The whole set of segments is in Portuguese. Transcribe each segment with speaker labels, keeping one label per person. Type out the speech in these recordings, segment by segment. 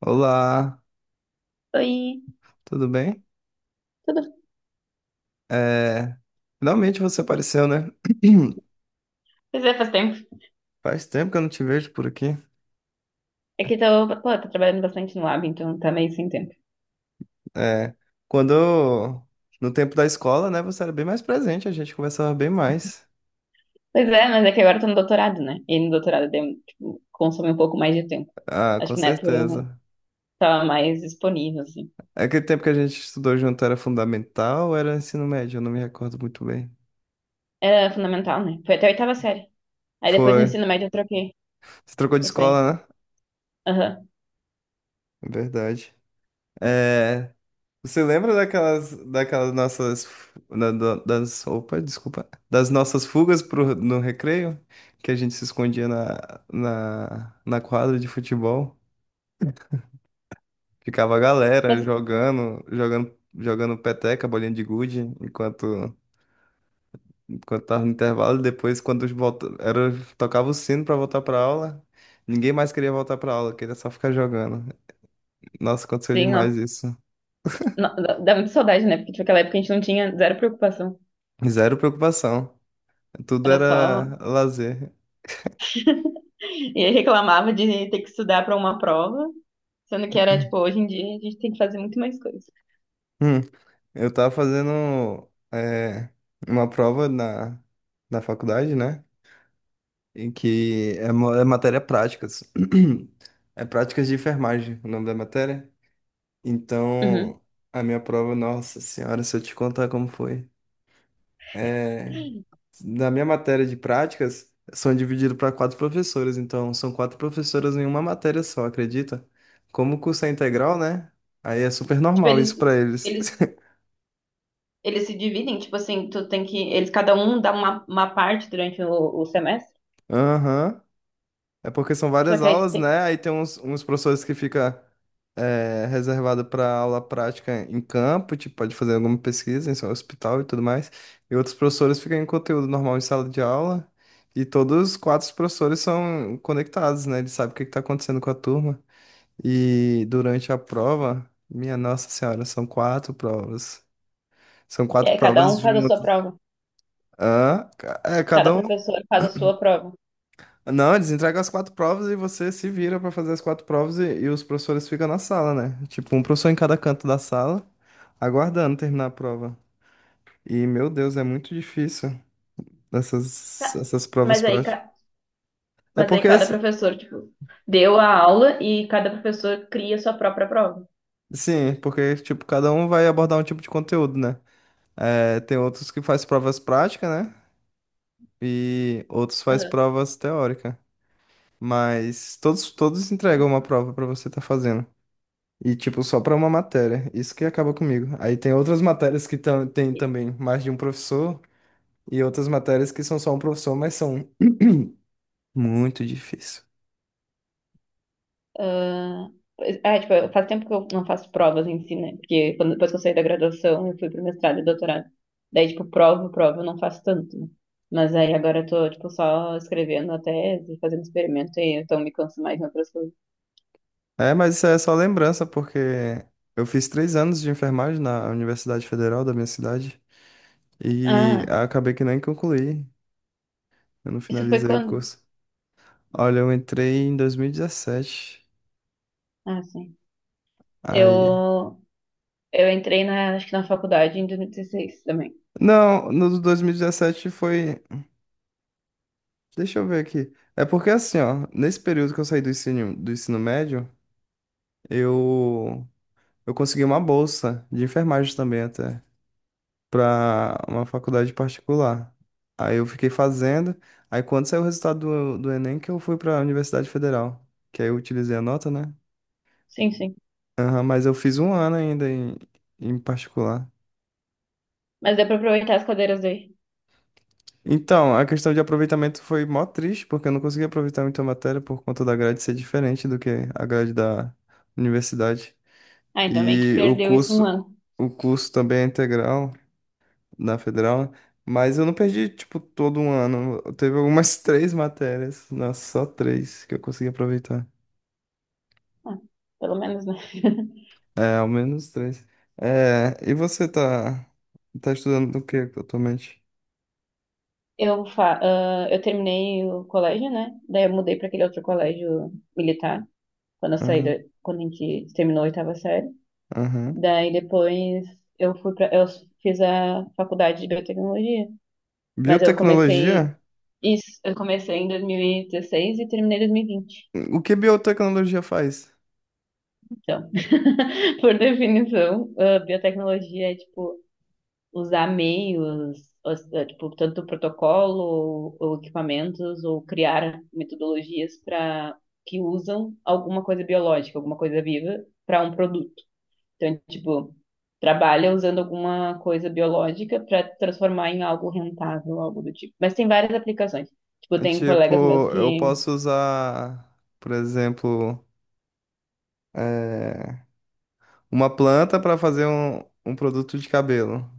Speaker 1: Olá,
Speaker 2: Oi,
Speaker 1: tudo bem?
Speaker 2: tudo?
Speaker 1: É, finalmente você apareceu, né?
Speaker 2: Pois é, faz tempo.
Speaker 1: Faz tempo que eu não te vejo por aqui.
Speaker 2: É que pô, tô trabalhando bastante no lab, então tá meio sem tempo.
Speaker 1: É, quando eu- no tempo da escola, né, você era bem mais presente, a gente conversava bem mais.
Speaker 2: Pois é, mas é que agora eu tô no doutorado, né? E no doutorado tipo, consome um pouco mais de tempo.
Speaker 1: Ah,
Speaker 2: Acho
Speaker 1: com
Speaker 2: que na época eu
Speaker 1: certeza.
Speaker 2: tava mais disponível, assim.
Speaker 1: Aquele tempo que a gente estudou junto era fundamental ou era ensino médio? Eu não me recordo muito bem.
Speaker 2: Era fundamental, né? Foi até a oitava série. Aí depois no
Speaker 1: Foi.
Speaker 2: ensino médio eu troquei.
Speaker 1: Você trocou de
Speaker 2: Eu saí.
Speaker 1: escola, né?
Speaker 2: Aham.
Speaker 1: Verdade. É, você lembra daquelas, nossas, das nossas fugas no recreio, que a gente se escondia na quadra de futebol, ficava a galera
Speaker 2: Mas,
Speaker 1: jogando, jogando, jogando peteca, bolinha de gude, enquanto, tava no intervalo, e depois quando os volta, era, tocava o sino para voltar para aula, ninguém mais queria voltar para aula, queria só ficar jogando. Nossa, aconteceu
Speaker 2: sim,
Speaker 1: demais
Speaker 2: ó.
Speaker 1: isso.
Speaker 2: Dá muita saudade, né? Porque, tipo, naquela época a gente não tinha zero preocupação.
Speaker 1: Zero preocupação. Tudo
Speaker 2: Era só.
Speaker 1: era lazer.
Speaker 2: E aí reclamava de ter que estudar pra uma prova, sendo que era, tipo, hoje em dia a gente tem que fazer muito mais coisa.
Speaker 1: Hum, eu tava fazendo é, uma prova na, faculdade, né? E que é, é matéria práticas. É práticas de enfermagem, o nome da matéria.
Speaker 2: Uhum.
Speaker 1: Então, a minha prova, nossa senhora, se eu te contar como foi. É, na minha matéria de práticas, são divididos para quatro professores. Então, são quatro professoras em uma matéria só, acredita? Como o curso é integral, né? Aí é super
Speaker 2: Tipo,
Speaker 1: normal isso para eles.
Speaker 2: eles, eles se dividem, tipo assim, tu tem que. Eles, cada um dá uma parte durante o semestre.
Speaker 1: Aham. É porque são
Speaker 2: Só
Speaker 1: várias
Speaker 2: que aí tu
Speaker 1: aulas,
Speaker 2: tem.
Speaker 1: né? Aí tem uns, professores que fica é, reservado para aula prática em campo, tipo, pode fazer alguma pesquisa em seu hospital e tudo mais. E outros professores ficam em conteúdo normal em sala de aula. E todos os quatro professores são conectados, né? Eles sabem o que está acontecendo com a turma. E durante a prova, minha Nossa Senhora, são quatro provas. São quatro
Speaker 2: É, cada
Speaker 1: provas
Speaker 2: um faz a sua
Speaker 1: juntas.
Speaker 2: prova.
Speaker 1: Ah, é,
Speaker 2: Cada
Speaker 1: cada um.
Speaker 2: professor faz a sua prova.
Speaker 1: Não, eles entregam as quatro provas e você se vira pra fazer as quatro provas e, os professores ficam na sala, né? Tipo, um professor em cada canto da sala, aguardando terminar a prova. E, meu Deus, é muito difícil essas,
Speaker 2: Tá.
Speaker 1: provas
Speaker 2: Mas aí,
Speaker 1: práticas.
Speaker 2: ca-
Speaker 1: É
Speaker 2: mas aí
Speaker 1: porque,
Speaker 2: cada
Speaker 1: assim,
Speaker 2: professor, tipo, deu a aula e cada professor cria a sua própria prova.
Speaker 1: sim, porque, tipo, cada um vai abordar um tipo de conteúdo, né? É, tem outros que faz provas práticas, né? E outros faz
Speaker 2: Aham.
Speaker 1: provas teóricas. Mas todos, entregam uma
Speaker 2: Assim.
Speaker 1: prova pra você estar fazendo. E, tipo, só pra uma matéria. Isso que acaba comigo. Aí tem outras matérias que tem também mais de um professor e outras matérias que são só um professor, mas são muito difícil.
Speaker 2: Ah, é, tipo, faz tempo que eu não faço provas em si, né? Porque quando, depois que eu saí da graduação, eu fui pro mestrado e doutorado. Daí, tipo, prova, prova, eu não faço tanto, né? Mas aí agora eu tô, tipo, só escrevendo a tese, fazendo experimento e então me canso mais em outras coisas.
Speaker 1: É, mas isso é só lembrança, porque eu fiz 3 anos de enfermagem na Universidade Federal da minha cidade e
Speaker 2: Ah,
Speaker 1: acabei que nem concluí. Eu não
Speaker 2: isso foi
Speaker 1: finalizei o
Speaker 2: quando?
Speaker 1: curso. Olha, eu entrei em 2017.
Speaker 2: Ah, sim.
Speaker 1: Aí.
Speaker 2: Eu, eu entrei na, acho que na faculdade em 2016 também.
Speaker 1: Não, no 2017 foi. Deixa eu ver aqui. É porque assim, ó, nesse período que eu saí do ensino médio, eu, consegui uma bolsa de enfermagem também até, pra uma faculdade particular. Aí eu fiquei fazendo, aí quando saiu o resultado do Enem, que eu fui pra Universidade Federal, que aí eu utilizei a nota, né?
Speaker 2: Sim, sim.
Speaker 1: Aham, mas eu fiz um ano ainda em, particular.
Speaker 2: Mas deu pra aproveitar as cadeiras daí.
Speaker 1: Então, a questão de aproveitamento foi mó triste, porque eu não consegui aproveitar muito a matéria por conta da grade ser diferente do que a grade da universidade.
Speaker 2: Ah, então meio que
Speaker 1: E
Speaker 2: perdeu isso um ano.
Speaker 1: o curso também é integral na federal, né? Mas eu não perdi, tipo, todo um ano. Teve algumas três matérias, nossa, só três que eu consegui aproveitar.
Speaker 2: Ah, pelo menos, né?
Speaker 1: É, ao menos três. É, e você tá estudando o que atualmente?
Speaker 2: Eu terminei o colégio, né? Daí eu mudei para aquele outro colégio militar, quando eu saí,
Speaker 1: Aham,
Speaker 2: quando a gente terminou a oitava série.
Speaker 1: aham.
Speaker 2: Daí depois eu fiz a faculdade de biotecnologia, mas
Speaker 1: Biotecnologia?
Speaker 2: eu comecei em 2016 e 16 e terminei em 2020.
Speaker 1: O que biotecnologia faz?
Speaker 2: Então, por definição, a biotecnologia é tipo usar meios, tipo, tanto protocolo ou equipamentos, ou criar metodologias para que usam alguma coisa biológica, alguma coisa viva para um produto. Então, tipo, trabalha usando alguma coisa biológica para transformar em algo rentável, algo do tipo. Mas tem várias aplicações. Tipo,
Speaker 1: É
Speaker 2: tem
Speaker 1: tipo,
Speaker 2: colegas meus
Speaker 1: eu
Speaker 2: que.
Speaker 1: posso usar, por exemplo, é, uma planta para fazer um, produto de cabelo.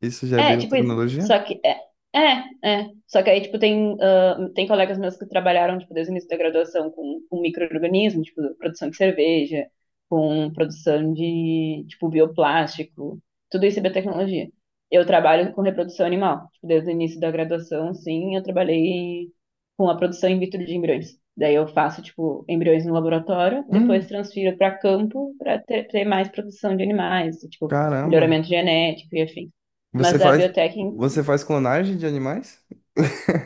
Speaker 1: Isso já é
Speaker 2: É, tipo isso. Só
Speaker 1: biotecnologia?
Speaker 2: que é. Só que aí, tipo, tem colegas meus que trabalharam, tipo, desde o início da graduação com micro-organismo, tipo, produção de cerveja, com produção de, tipo, bioplástico, tudo isso é biotecnologia. Eu trabalho com reprodução animal, tipo, desde o início da graduação, sim, eu trabalhei com a produção in vitro de embriões. Daí eu faço, tipo, embriões no laboratório, depois
Speaker 1: Hum,
Speaker 2: transfiro para campo para ter mais produção de animais, tipo,
Speaker 1: caramba.
Speaker 2: melhoramento genético e afim.
Speaker 1: Você
Speaker 2: Mas é a
Speaker 1: faz,
Speaker 2: biotech em si.
Speaker 1: você faz clonagem de animais?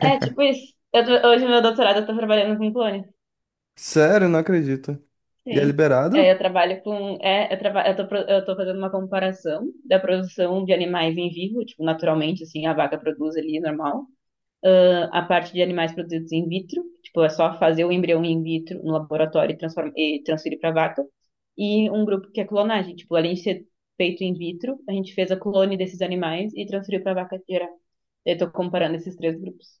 Speaker 2: É, tipo isso. Hoje, meu doutorado, eu tô trabalhando com clone.
Speaker 1: Sério, não acredito. E é
Speaker 2: Sim. É,
Speaker 1: liberado?
Speaker 2: eu trabalho com. É, eu tô fazendo uma comparação da produção de animais em vivo, tipo, naturalmente, assim, a vaca produz ali normal. A parte de animais produzidos in vitro, tipo, é só fazer o embrião in vitro no laboratório e transferir para vaca. E um grupo que é clonagem, tipo, além de ser feito in vitro, a gente fez a clone desses animais e transferiu para vaca geral. Eu tô comparando esses três grupos.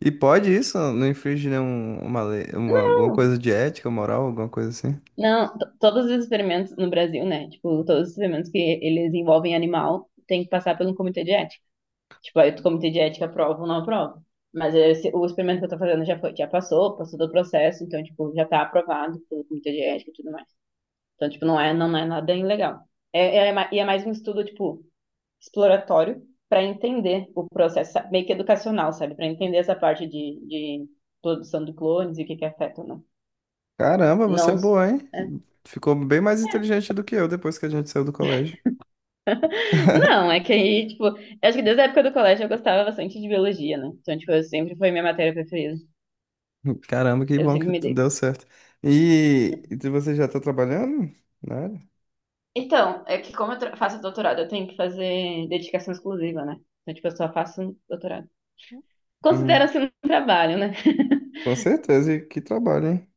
Speaker 1: E pode isso? Não infringe nenhum, uma lei, uma, alguma coisa de ética, moral, alguma coisa assim?
Speaker 2: Não, todos os experimentos no Brasil, né? Tipo, todos os experimentos que eles envolvem animal tem que passar pelo comitê de ética. Tipo, aí o comitê de ética aprova ou não aprova. Mas o experimento que eu tô fazendo já foi, já passou do processo, então, tipo, já tá aprovado pelo comitê de ética e tudo mais. Então, tipo, não é, nada ilegal. É, é mais um estudo, tipo, exploratório para entender o processo, meio que educacional, sabe? Para entender essa parte de produção de clones e o que que afeta ou não.
Speaker 1: Caramba, você é
Speaker 2: Não.
Speaker 1: boa, hein? Ficou bem mais inteligente do que eu depois que a gente saiu do colégio.
Speaker 2: Não, é que aí, tipo, acho que desde a época do colégio eu gostava bastante de biologia, né? Então, tipo, eu sempre foi minha matéria preferida.
Speaker 1: Caramba, que
Speaker 2: Eu
Speaker 1: bom
Speaker 2: sempre
Speaker 1: que
Speaker 2: me dei.
Speaker 1: deu certo. E você já tá trabalhando? Né?
Speaker 2: Então, é que como eu faço doutorado, eu tenho que fazer dedicação exclusiva, né? Então, tipo, eu só faço doutorado.
Speaker 1: Hum,
Speaker 2: Considera-se um trabalho, né?
Speaker 1: com certeza, e que trabalho, hein?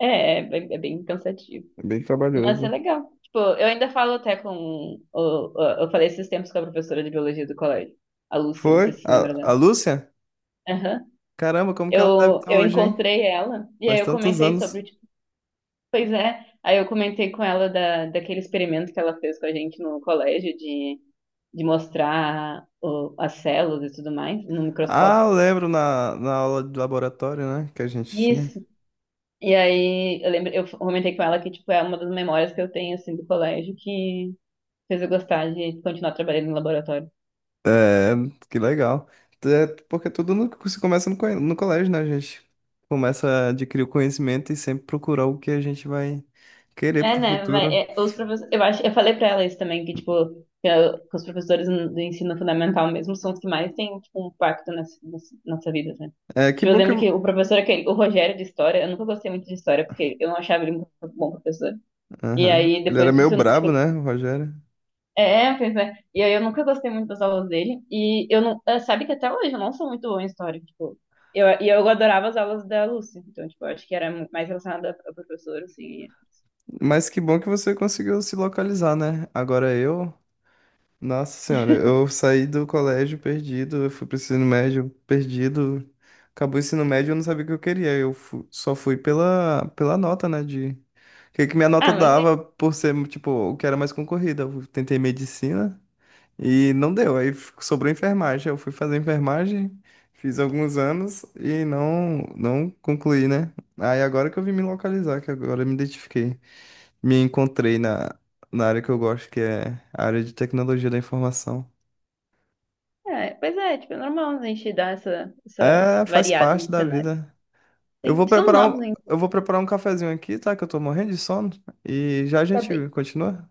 Speaker 2: Bem, é bem cansativo.
Speaker 1: É bem
Speaker 2: Mas é
Speaker 1: trabalhoso.
Speaker 2: legal. Tipo, eu ainda falo até com. Eu falei esses tempos com a professora de biologia do colégio, a Lúcia, não sei
Speaker 1: Foi?
Speaker 2: se você lembra
Speaker 1: A,
Speaker 2: dela.
Speaker 1: Lúcia?
Speaker 2: Aham.
Speaker 1: Caramba, como que ela deve
Speaker 2: Eu,
Speaker 1: estar
Speaker 2: eu
Speaker 1: hoje, hein?
Speaker 2: encontrei ela, e aí
Speaker 1: Faz
Speaker 2: eu
Speaker 1: tantos
Speaker 2: comentei
Speaker 1: anos.
Speaker 2: sobre. Pois é, aí eu comentei com ela daquele experimento que ela fez com a gente no colégio de mostrar as células e tudo mais no
Speaker 1: Ah,
Speaker 2: microscópio.
Speaker 1: eu lembro na, aula de laboratório, né? Que a gente tinha.
Speaker 2: Isso. E aí eu lembro, eu comentei com ela que tipo é uma das memórias que eu tenho assim do colégio que fez eu gostar de continuar trabalhando em laboratório.
Speaker 1: É, que legal. É, porque tudo se começa no colégio, né? A gente começa a adquirir o conhecimento e sempre procurar o que a gente vai querer
Speaker 2: É,
Speaker 1: pro
Speaker 2: né? Vai,
Speaker 1: futuro.
Speaker 2: é, os professores, eu acho, eu falei pra ela isso também, que, tipo, que os professores do ensino fundamental mesmo são os que mais têm, tipo, um impacto nas nossa vida, né?
Speaker 1: É, que
Speaker 2: Tipo, eu
Speaker 1: bom que
Speaker 2: lembro que
Speaker 1: eu...
Speaker 2: o professor, aquele, o Rogério de História, eu nunca gostei muito de História, porque eu não achava ele muito bom professor. E
Speaker 1: Aham.
Speaker 2: aí,
Speaker 1: Ele era
Speaker 2: depois
Speaker 1: meio
Speaker 2: disso, eu,
Speaker 1: brabo, né,
Speaker 2: tipo,
Speaker 1: o Rogério?
Speaker 2: pois é. E aí eu nunca gostei muito das aulas dele, e eu não, sabe que até hoje eu não sou muito boa em História, tipo, e eu adorava as aulas da Lúcia, então, tipo, eu acho que era muito mais relacionada a professor, assim,
Speaker 1: Mas que bom que você conseguiu se localizar, né? Agora eu. Nossa senhora, eu saí do colégio perdido, eu fui pro ensino médio perdido. Acabou o ensino médio, eu não sabia o que eu queria. Eu só fui pela, nota, né? De o que que minha nota
Speaker 2: mas.
Speaker 1: dava por ser, tipo, o que era mais concorrida. Eu tentei medicina e não deu. Aí sobrou enfermagem. Eu fui fazer enfermagem, fiz alguns anos e não, não concluí, né? Aí agora que eu vim me localizar, que agora eu me identifiquei me encontrei na, área que eu gosto, que é a área de tecnologia da informação.
Speaker 2: É, pois é, tipo, é normal a gente dar essa
Speaker 1: É, faz
Speaker 2: variada
Speaker 1: parte
Speaker 2: no
Speaker 1: da
Speaker 2: cenário.
Speaker 1: vida. Eu
Speaker 2: Tem-
Speaker 1: vou
Speaker 2: estamos
Speaker 1: preparar um,
Speaker 2: novos
Speaker 1: eu
Speaker 2: ainda.
Speaker 1: vou preparar um cafezinho aqui, tá? Que eu tô morrendo de sono. E já a
Speaker 2: Tá bem.
Speaker 1: gente continua.